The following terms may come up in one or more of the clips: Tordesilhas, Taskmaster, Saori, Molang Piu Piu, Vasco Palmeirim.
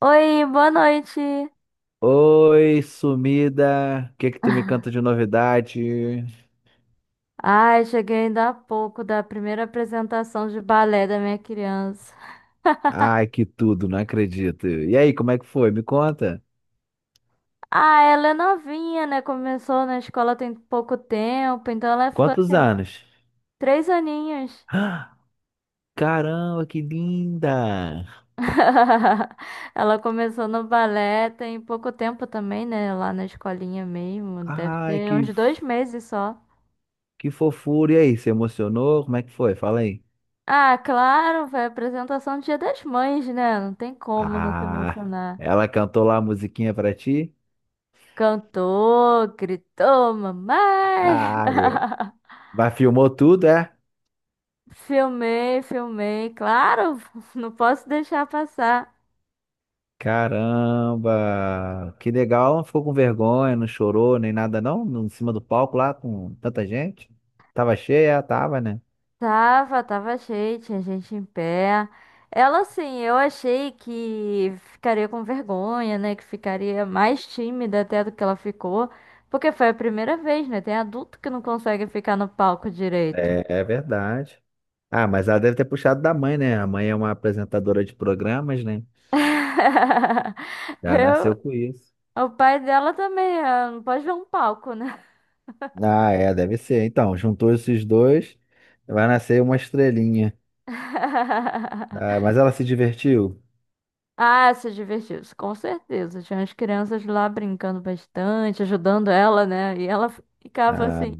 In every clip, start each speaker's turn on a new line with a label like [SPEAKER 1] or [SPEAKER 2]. [SPEAKER 1] Oi, boa noite.
[SPEAKER 2] Oi, sumida. O que é que tu me canta de novidade?
[SPEAKER 1] Ai, cheguei ainda há pouco da primeira apresentação de balé da minha criança.
[SPEAKER 2] Ai, que tudo, não acredito. E aí, como é que foi? Me conta.
[SPEAKER 1] Ah, ela é novinha, né? Começou na escola tem pouco tempo, então ela ficou
[SPEAKER 2] Quantos
[SPEAKER 1] assim,
[SPEAKER 2] anos?
[SPEAKER 1] 3 aninhos.
[SPEAKER 2] Ah, caramba, que linda.
[SPEAKER 1] Ela começou no balé tem pouco tempo também, né? Lá na escolinha mesmo, deve
[SPEAKER 2] Ai,
[SPEAKER 1] ter uns dois meses só.
[SPEAKER 2] que fofura. E aí, se emocionou? Como é que foi? Fala aí.
[SPEAKER 1] Ah, claro, foi a apresentação do Dia das Mães, né? Não tem como não se
[SPEAKER 2] Ah,
[SPEAKER 1] emocionar.
[SPEAKER 2] ela cantou lá a musiquinha pra ti?
[SPEAKER 1] Cantou, gritou, mamãe.
[SPEAKER 2] Ah, vai filmou tudo, é?
[SPEAKER 1] Filmei, filmei, claro, não posso deixar passar.
[SPEAKER 2] Caramba! Que legal, ela não ficou com vergonha, não chorou nem nada não, em cima do palco lá com tanta gente. Tava cheia, tava, né?
[SPEAKER 1] Tava, tava cheio, tinha gente em pé. Ela, assim, eu achei que ficaria com vergonha, né? Que ficaria mais tímida até do que ela ficou. Porque foi a primeira vez, né? Tem adulto que não consegue ficar no palco direito.
[SPEAKER 2] É, é verdade. Ah, mas ela deve ter puxado da mãe, né? A mãe é uma apresentadora de programas, né? Já
[SPEAKER 1] Eu,
[SPEAKER 2] nasceu com isso.
[SPEAKER 1] o pai dela também, ah, não pode ver um palco, né?
[SPEAKER 2] Ah, é, deve ser. Então, juntou esses dois, vai nascer uma estrelinha. Ah, mas ela se divertiu?
[SPEAKER 1] Ah, se divertiu, isso, com certeza. Tinha as crianças lá brincando bastante, ajudando ela, né? E ela ficava
[SPEAKER 2] Ah,
[SPEAKER 1] assim.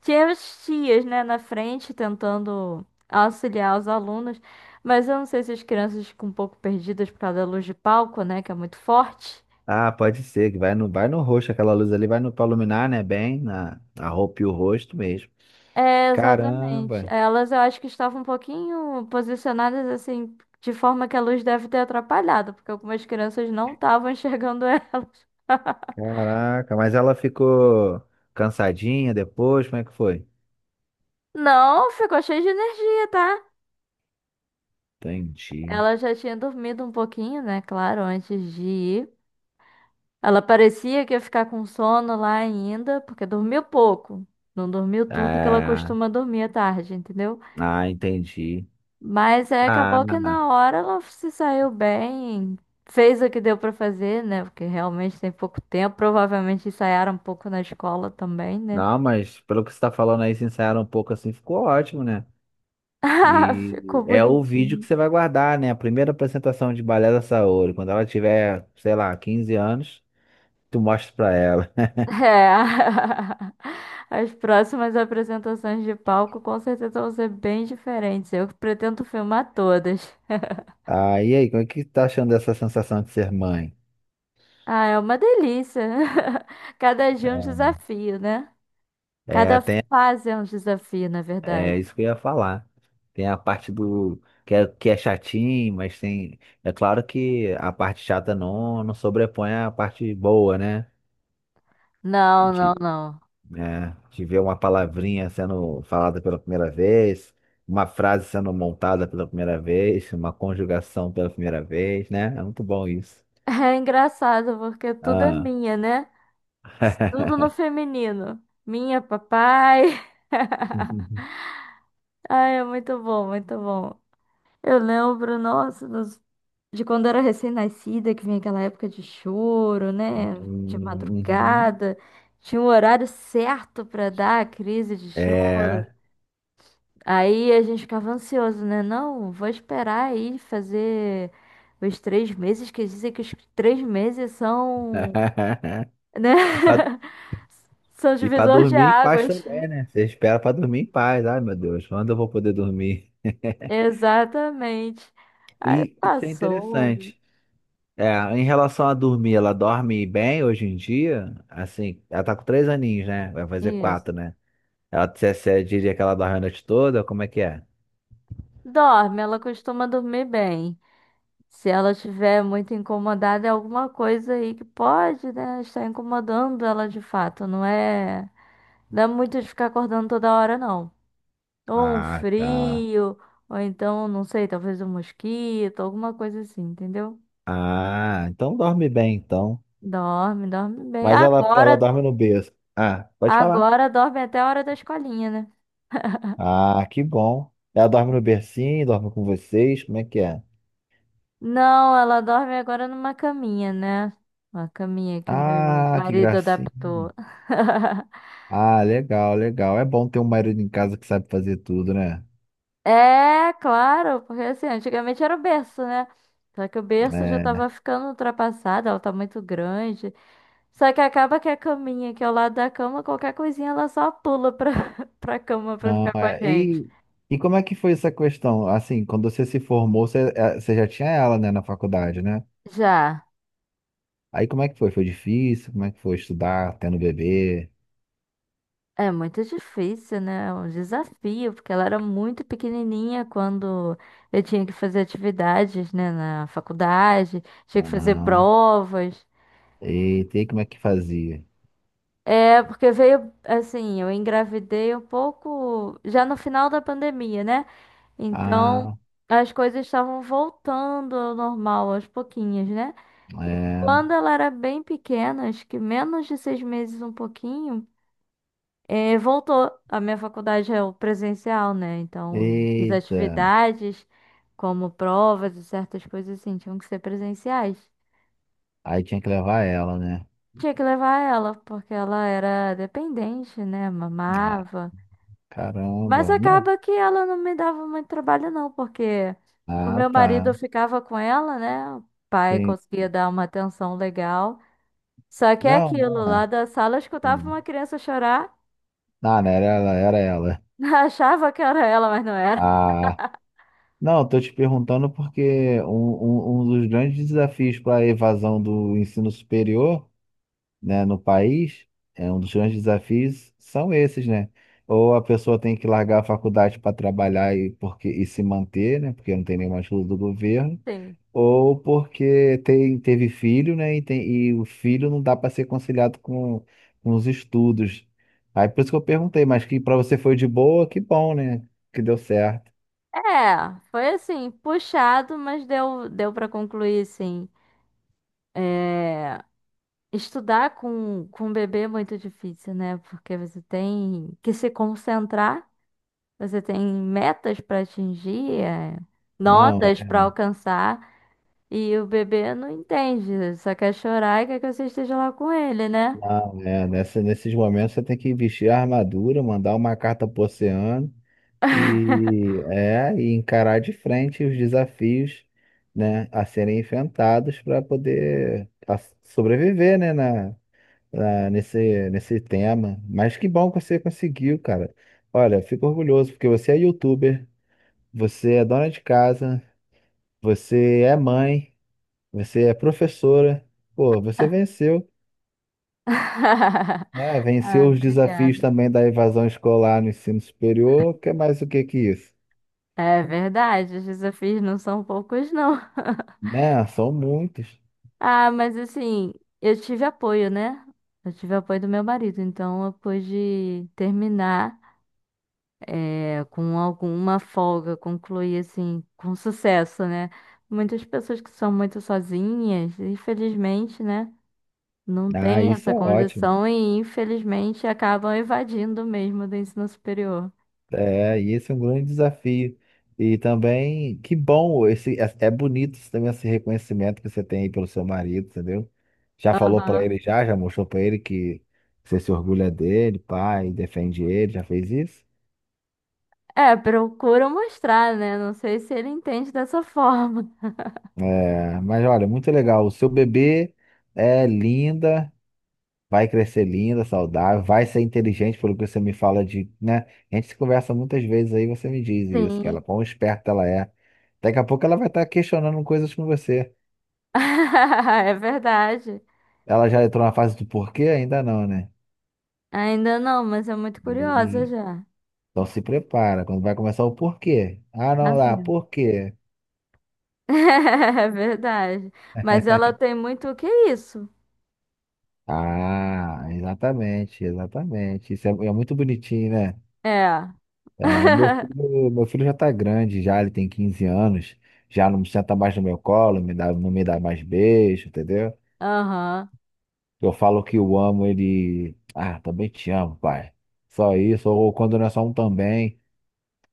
[SPEAKER 1] Tinha as tias, né, na frente tentando auxiliar os alunos, mas eu não sei se as crianças ficam um pouco perdidas por causa da luz de palco, né, que é muito forte.
[SPEAKER 2] ah, pode ser, que vai no rosto, aquela luz ali vai no, pra iluminar, né? Bem, a roupa e o rosto mesmo.
[SPEAKER 1] É, exatamente.
[SPEAKER 2] Caramba,
[SPEAKER 1] Elas eu acho que estavam um pouquinho posicionadas assim, de forma que a luz deve ter atrapalhado, porque algumas crianças não estavam enxergando elas.
[SPEAKER 2] caraca, mas ela ficou cansadinha depois, como é que foi?
[SPEAKER 1] Não, ficou cheio de energia, tá?
[SPEAKER 2] Entendi.
[SPEAKER 1] Ela já tinha dormido um pouquinho, né? Claro, antes de ir. Ela parecia que ia ficar com sono lá ainda, porque dormiu pouco. Não dormiu tudo que ela
[SPEAKER 2] Ah,
[SPEAKER 1] costuma dormir à tarde, entendeu?
[SPEAKER 2] ah, entendi.
[SPEAKER 1] Mas aí acabou que
[SPEAKER 2] Ah,
[SPEAKER 1] na hora ela se saiu bem, fez o que deu pra fazer, né? Porque realmente tem pouco tempo. Provavelmente ensaiaram um pouco na escola também, né?
[SPEAKER 2] não, mas pelo que você tá falando aí, se ensaiaram um pouco assim, ficou ótimo, né?
[SPEAKER 1] Ah, ficou
[SPEAKER 2] E é o vídeo que
[SPEAKER 1] bonitinho.
[SPEAKER 2] você vai guardar, né? A primeira apresentação de balé da Saori, quando ela tiver, sei lá, 15 anos, tu mostra pra ela.
[SPEAKER 1] É. As próximas apresentações de palco com certeza vão ser bem diferentes. Eu pretendo filmar todas.
[SPEAKER 2] Ah, e aí, como é que tá achando dessa sensação de ser mãe?
[SPEAKER 1] Ah, é uma delícia. Cada dia é um desafio, né?
[SPEAKER 2] É,
[SPEAKER 1] Cada
[SPEAKER 2] tem
[SPEAKER 1] fase é um desafio, na verdade.
[SPEAKER 2] É isso que eu ia falar. Tem a parte do que é chatinho, mas tem. É claro que a parte chata não sobrepõe a parte boa, né?
[SPEAKER 1] Não, não,
[SPEAKER 2] De,
[SPEAKER 1] não.
[SPEAKER 2] né, de ver uma palavrinha sendo falada pela primeira vez, uma frase sendo montada pela primeira vez, uma conjugação pela primeira vez, né? É muito bom isso.
[SPEAKER 1] É engraçado porque tudo é
[SPEAKER 2] Ah.
[SPEAKER 1] minha, né? Tudo no feminino. Minha, papai. Ai, é muito bom, muito bom. Eu lembro, nossa, de quando era recém-nascida, que vinha aquela época de choro, né? De
[SPEAKER 2] Uhum.
[SPEAKER 1] madrugada. Tinha um horário certo pra dar a crise de choro.
[SPEAKER 2] É.
[SPEAKER 1] Aí a gente ficava ansioso, né? Não, vou esperar aí fazer os 3 meses, que dizem que os 3 meses são, né?
[SPEAKER 2] E para
[SPEAKER 1] São
[SPEAKER 2] E pra
[SPEAKER 1] divisor de
[SPEAKER 2] dormir em paz
[SPEAKER 1] águas.
[SPEAKER 2] também, né? Você espera pra dormir em paz. Ai, meu Deus, quando eu vou poder dormir?
[SPEAKER 1] Exatamente. Aí
[SPEAKER 2] E isso é
[SPEAKER 1] passou.
[SPEAKER 2] interessante. É, em relação a dormir, ela dorme bem hoje em dia? Assim, ela tá com 3 aninhos, né? Vai fazer
[SPEAKER 1] Isso.
[SPEAKER 2] quatro, né? Você diria que ela dorme a noite toda? Como é que é?
[SPEAKER 1] Dorme, ela costuma dormir bem. Se ela estiver muito incomodada, é alguma coisa aí que pode, né, estar incomodando ela de fato. Não é, dá muito de ficar acordando toda hora, não. Ou um
[SPEAKER 2] Ah, tá.
[SPEAKER 1] frio, ou então, não sei, talvez um mosquito, alguma coisa assim, entendeu?
[SPEAKER 2] Ah, então dorme bem, então.
[SPEAKER 1] Dorme, dorme bem.
[SPEAKER 2] Mas ela
[SPEAKER 1] Agora,
[SPEAKER 2] dorme no berço. Ah, pode falar.
[SPEAKER 1] agora dorme até a hora da escolinha, né?
[SPEAKER 2] Ah, que bom. Ela dorme no bercinho, dorme com vocês, como é que é?
[SPEAKER 1] Não, ela dorme agora numa caminha, né? Uma caminha que o meu
[SPEAKER 2] Ah, que
[SPEAKER 1] marido
[SPEAKER 2] gracinha.
[SPEAKER 1] adaptou.
[SPEAKER 2] Ah, legal, legal. É bom ter um marido em casa que sabe fazer tudo, né?
[SPEAKER 1] É, claro, porque assim, antigamente era o berço, né? Só que o berço já tava
[SPEAKER 2] É,
[SPEAKER 1] ficando ultrapassado, ela tá muito grande. Só que acaba que a caminha, que é ao lado da cama, qualquer coisinha ela só pula pra, pra cama pra
[SPEAKER 2] não,
[SPEAKER 1] ficar com a
[SPEAKER 2] é.
[SPEAKER 1] gente.
[SPEAKER 2] E como é que foi essa questão? Assim, quando você se formou, você já tinha ela, né, na faculdade, né?
[SPEAKER 1] Já.
[SPEAKER 2] Aí como é que foi? Foi difícil? Como é que foi estudar, tendo bebê?
[SPEAKER 1] É muito difícil, né? É um desafio, porque ela era muito pequenininha quando eu tinha que fazer atividades, né, na faculdade, tinha que
[SPEAKER 2] Ou
[SPEAKER 1] fazer
[SPEAKER 2] não?
[SPEAKER 1] provas.
[SPEAKER 2] Eita, e como é que fazia?
[SPEAKER 1] É, porque veio assim, eu engravidei um pouco já no final da pandemia, né? Então
[SPEAKER 2] Ah,
[SPEAKER 1] as coisas estavam voltando ao normal aos pouquinhos, né?
[SPEAKER 2] é.
[SPEAKER 1] Quando ela era bem pequena, acho que menos de 6 meses, um pouquinho, voltou. A minha faculdade é o presencial, né? Então as
[SPEAKER 2] Eita.
[SPEAKER 1] atividades, como provas e certas coisas assim, tinham que ser presenciais.
[SPEAKER 2] Aí tinha que levar ela, né?
[SPEAKER 1] Tinha que levar ela, porque ela era dependente, né?
[SPEAKER 2] É,
[SPEAKER 1] Mamava. Mas
[SPEAKER 2] caramba. Não.
[SPEAKER 1] acaba que ela não me dava muito trabalho, não, porque o
[SPEAKER 2] Ah,
[SPEAKER 1] meu
[SPEAKER 2] tá.
[SPEAKER 1] marido ficava com ela, né? O pai
[SPEAKER 2] Tem...
[SPEAKER 1] conseguia dar uma atenção legal. Só que é
[SPEAKER 2] Não, não
[SPEAKER 1] aquilo,
[SPEAKER 2] é,
[SPEAKER 1] lá da sala eu escutava
[SPEAKER 2] assim.
[SPEAKER 1] uma criança chorar,
[SPEAKER 2] Ah, não, era ela, era ela.
[SPEAKER 1] achava que era ela, mas não era.
[SPEAKER 2] Ah. Não, estou te perguntando porque um dos grandes desafios para a evasão do ensino superior, né, no país, é um dos grandes desafios são esses, né? Ou a pessoa tem que largar a faculdade para trabalhar e, porque, e se manter, né? Porque não tem nenhuma ajuda do governo,
[SPEAKER 1] Sim.
[SPEAKER 2] ou porque teve filho, né? E o filho não dá para ser conciliado com os estudos. Aí por isso que eu perguntei, mas que para você foi de boa, que bom, né? Que deu certo.
[SPEAKER 1] É, foi assim, puxado, mas deu, deu para concluir, sim. É, estudar com um bebê é muito difícil, né? Porque você tem que se concentrar. Você tem metas para atingir, é,
[SPEAKER 2] Não.
[SPEAKER 1] notas para alcançar, e o bebê não entende, só quer chorar e quer que você esteja lá com ele, né?
[SPEAKER 2] Ah, é, nesses momentos você tem que vestir a armadura, mandar uma carta pro oceano e encarar de frente os desafios, né, a serem enfrentados para poder sobreviver, né, nesse tema. Mas que bom que você conseguiu, cara. Olha, fico orgulhoso porque você é youtuber, você é dona de casa, você é mãe, você é professora. Pô, você venceu. É,
[SPEAKER 1] Ah,
[SPEAKER 2] venceu os
[SPEAKER 1] obrigada.
[SPEAKER 2] desafios também da evasão escolar no ensino superior, que é mais o que que isso?
[SPEAKER 1] É verdade, os desafios não são poucos, não.
[SPEAKER 2] Né? São muitos.
[SPEAKER 1] Ah, mas assim, eu tive apoio, né? Eu tive apoio do meu marido, então eu pude terminar. É, com alguma folga, concluir assim, com sucesso, né? Muitas pessoas que são muito sozinhas, infelizmente, né? Não
[SPEAKER 2] Ah,
[SPEAKER 1] têm
[SPEAKER 2] isso
[SPEAKER 1] essa
[SPEAKER 2] é ótimo.
[SPEAKER 1] condição e, infelizmente, acabam evadindo mesmo do ensino superior.
[SPEAKER 2] É, e esse é um grande desafio. E também, que bom, esse, é bonito também esse reconhecimento que você tem aí pelo seu marido, entendeu? Já falou pra
[SPEAKER 1] Aham.
[SPEAKER 2] ele já, já mostrou pra ele que você se orgulha dele, pai, defende ele, já fez isso?
[SPEAKER 1] É, procura mostrar, né? Não sei se ele entende dessa forma.
[SPEAKER 2] É, mas olha, muito legal. O seu bebê é linda. Vai crescer linda, saudável, vai ser inteligente, pelo que você me fala de, né? A gente se conversa muitas vezes aí, você me diz isso, que ela,
[SPEAKER 1] Sim.
[SPEAKER 2] quão esperta ela é. Daqui a pouco ela vai estar questionando coisas com você.
[SPEAKER 1] É verdade.
[SPEAKER 2] Ela já entrou na fase do porquê? Ainda não, né?
[SPEAKER 1] Ainda não, mas é muito curiosa
[SPEAKER 2] Hum.
[SPEAKER 1] já.
[SPEAKER 2] Então se prepara, quando vai começar o porquê. Ah,
[SPEAKER 1] Tá
[SPEAKER 2] não, lá,
[SPEAKER 1] vendo?
[SPEAKER 2] por quê?
[SPEAKER 1] É verdade. Mas ela tem muito o que é isso?
[SPEAKER 2] Ah, exatamente, exatamente. Isso é muito bonitinho, né?
[SPEAKER 1] É.
[SPEAKER 2] Ah, meu filho já tá grande, já ele tem 15 anos, já não senta mais no meu colo, me dá, não me dá mais beijo, entendeu?
[SPEAKER 1] Aham.
[SPEAKER 2] Eu falo que eu amo ele, ah, também te amo, pai. Só isso, ou quando não é só um também,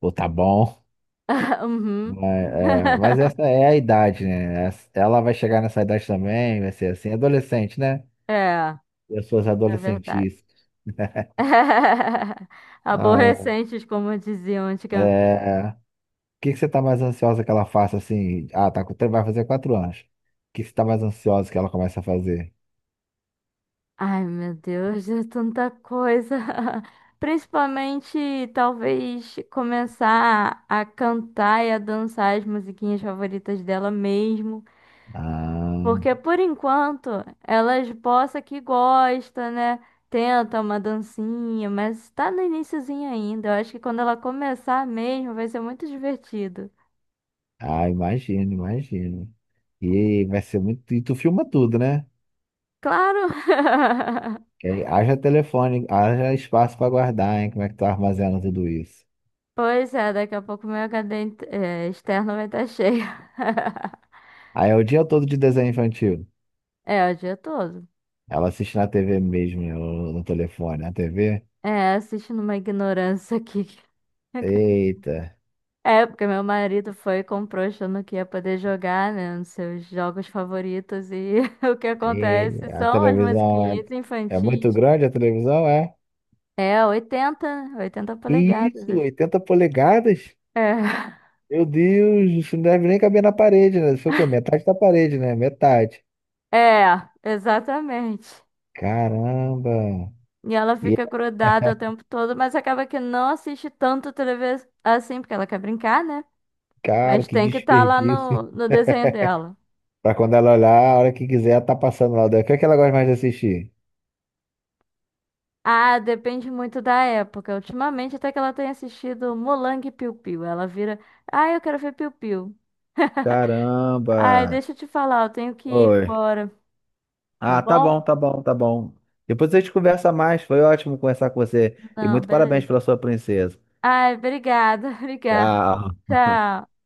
[SPEAKER 2] ou tá bom.
[SPEAKER 1] Uhum.
[SPEAKER 2] Mas, mas essa é a idade, né? Ela vai chegar nessa idade também, vai ser assim, adolescente, né?
[SPEAKER 1] É,
[SPEAKER 2] Pessoas
[SPEAKER 1] é, verdade.
[SPEAKER 2] adolescentes. Ah,
[SPEAKER 1] Aborrecentes, como diziam antigamente.
[SPEAKER 2] é. Que você tá mais ansiosa que ela faça assim? Ah, tá, vai fazer 4 anos. O que que você tá mais ansiosa que ela comece a fazer?
[SPEAKER 1] Ai, meu Deus, é tanta coisa. Principalmente, talvez, começar a cantar e a dançar as musiquinhas favoritas dela mesmo.
[SPEAKER 2] Ah,
[SPEAKER 1] Porque por enquanto elas possa que gosta, né? Tenta uma dancinha, mas tá no iniciozinho ainda. Eu acho que quando ela começar mesmo vai ser muito divertido.
[SPEAKER 2] ah, imagino, imagino. E vai ser muito. E tu filma tudo, né?
[SPEAKER 1] Claro!
[SPEAKER 2] E aí, haja telefone, haja espaço pra guardar, hein? Como é que tu armazena tudo isso?
[SPEAKER 1] Pois é, daqui a pouco meu HD externo vai estar cheio.
[SPEAKER 2] Aí é o dia todo de desenho infantil.
[SPEAKER 1] É, o dia todo.
[SPEAKER 2] Ela assiste na TV mesmo, né, no telefone, na TV.
[SPEAKER 1] É, assistindo uma ignorância aqui.
[SPEAKER 2] Eita.
[SPEAKER 1] É, porque meu marido foi e comprou achando que ia poder jogar, né, nos seus jogos favoritos e o que
[SPEAKER 2] E
[SPEAKER 1] acontece
[SPEAKER 2] a
[SPEAKER 1] são as
[SPEAKER 2] televisão é,
[SPEAKER 1] musiquinhas
[SPEAKER 2] é muito
[SPEAKER 1] infantis.
[SPEAKER 2] grande, a televisão é.
[SPEAKER 1] É, 80, né? 80
[SPEAKER 2] Que isso,
[SPEAKER 1] polegadas.
[SPEAKER 2] 80 polegadas?
[SPEAKER 1] É,
[SPEAKER 2] Meu Deus, isso não deve nem caber na parede, né? Isso foi o quê? Metade da parede, né? Metade.
[SPEAKER 1] é, exatamente.
[SPEAKER 2] Caramba!
[SPEAKER 1] E ela
[SPEAKER 2] E,
[SPEAKER 1] fica grudada o tempo todo, mas acaba que não assiste tanto televisão assim, porque ela quer brincar, né?
[SPEAKER 2] cara,
[SPEAKER 1] Mas
[SPEAKER 2] que
[SPEAKER 1] tem que estar lá no,
[SPEAKER 2] desperdício.
[SPEAKER 1] no desenho dela.
[SPEAKER 2] Pra quando ela olhar, a hora que quiser, tá passando lá. O que é que ela gosta mais de assistir?
[SPEAKER 1] Ah, depende muito da época. Ultimamente, até que ela tem assistido Molang Piu Piu. Ela vira, ah, eu quero ver Piu Piu. Ai,
[SPEAKER 2] Caramba!
[SPEAKER 1] deixa eu te falar, eu tenho que ir
[SPEAKER 2] Oi.
[SPEAKER 1] agora, tá
[SPEAKER 2] Ah, tá
[SPEAKER 1] bom?
[SPEAKER 2] bom, tá bom, tá bom. Depois a gente conversa mais. Foi ótimo conversar com você. E
[SPEAKER 1] Não,
[SPEAKER 2] muito parabéns
[SPEAKER 1] beleza.
[SPEAKER 2] pela sua princesa.
[SPEAKER 1] Ai, obrigada, obrigada.
[SPEAKER 2] Tchau.
[SPEAKER 1] Tchau.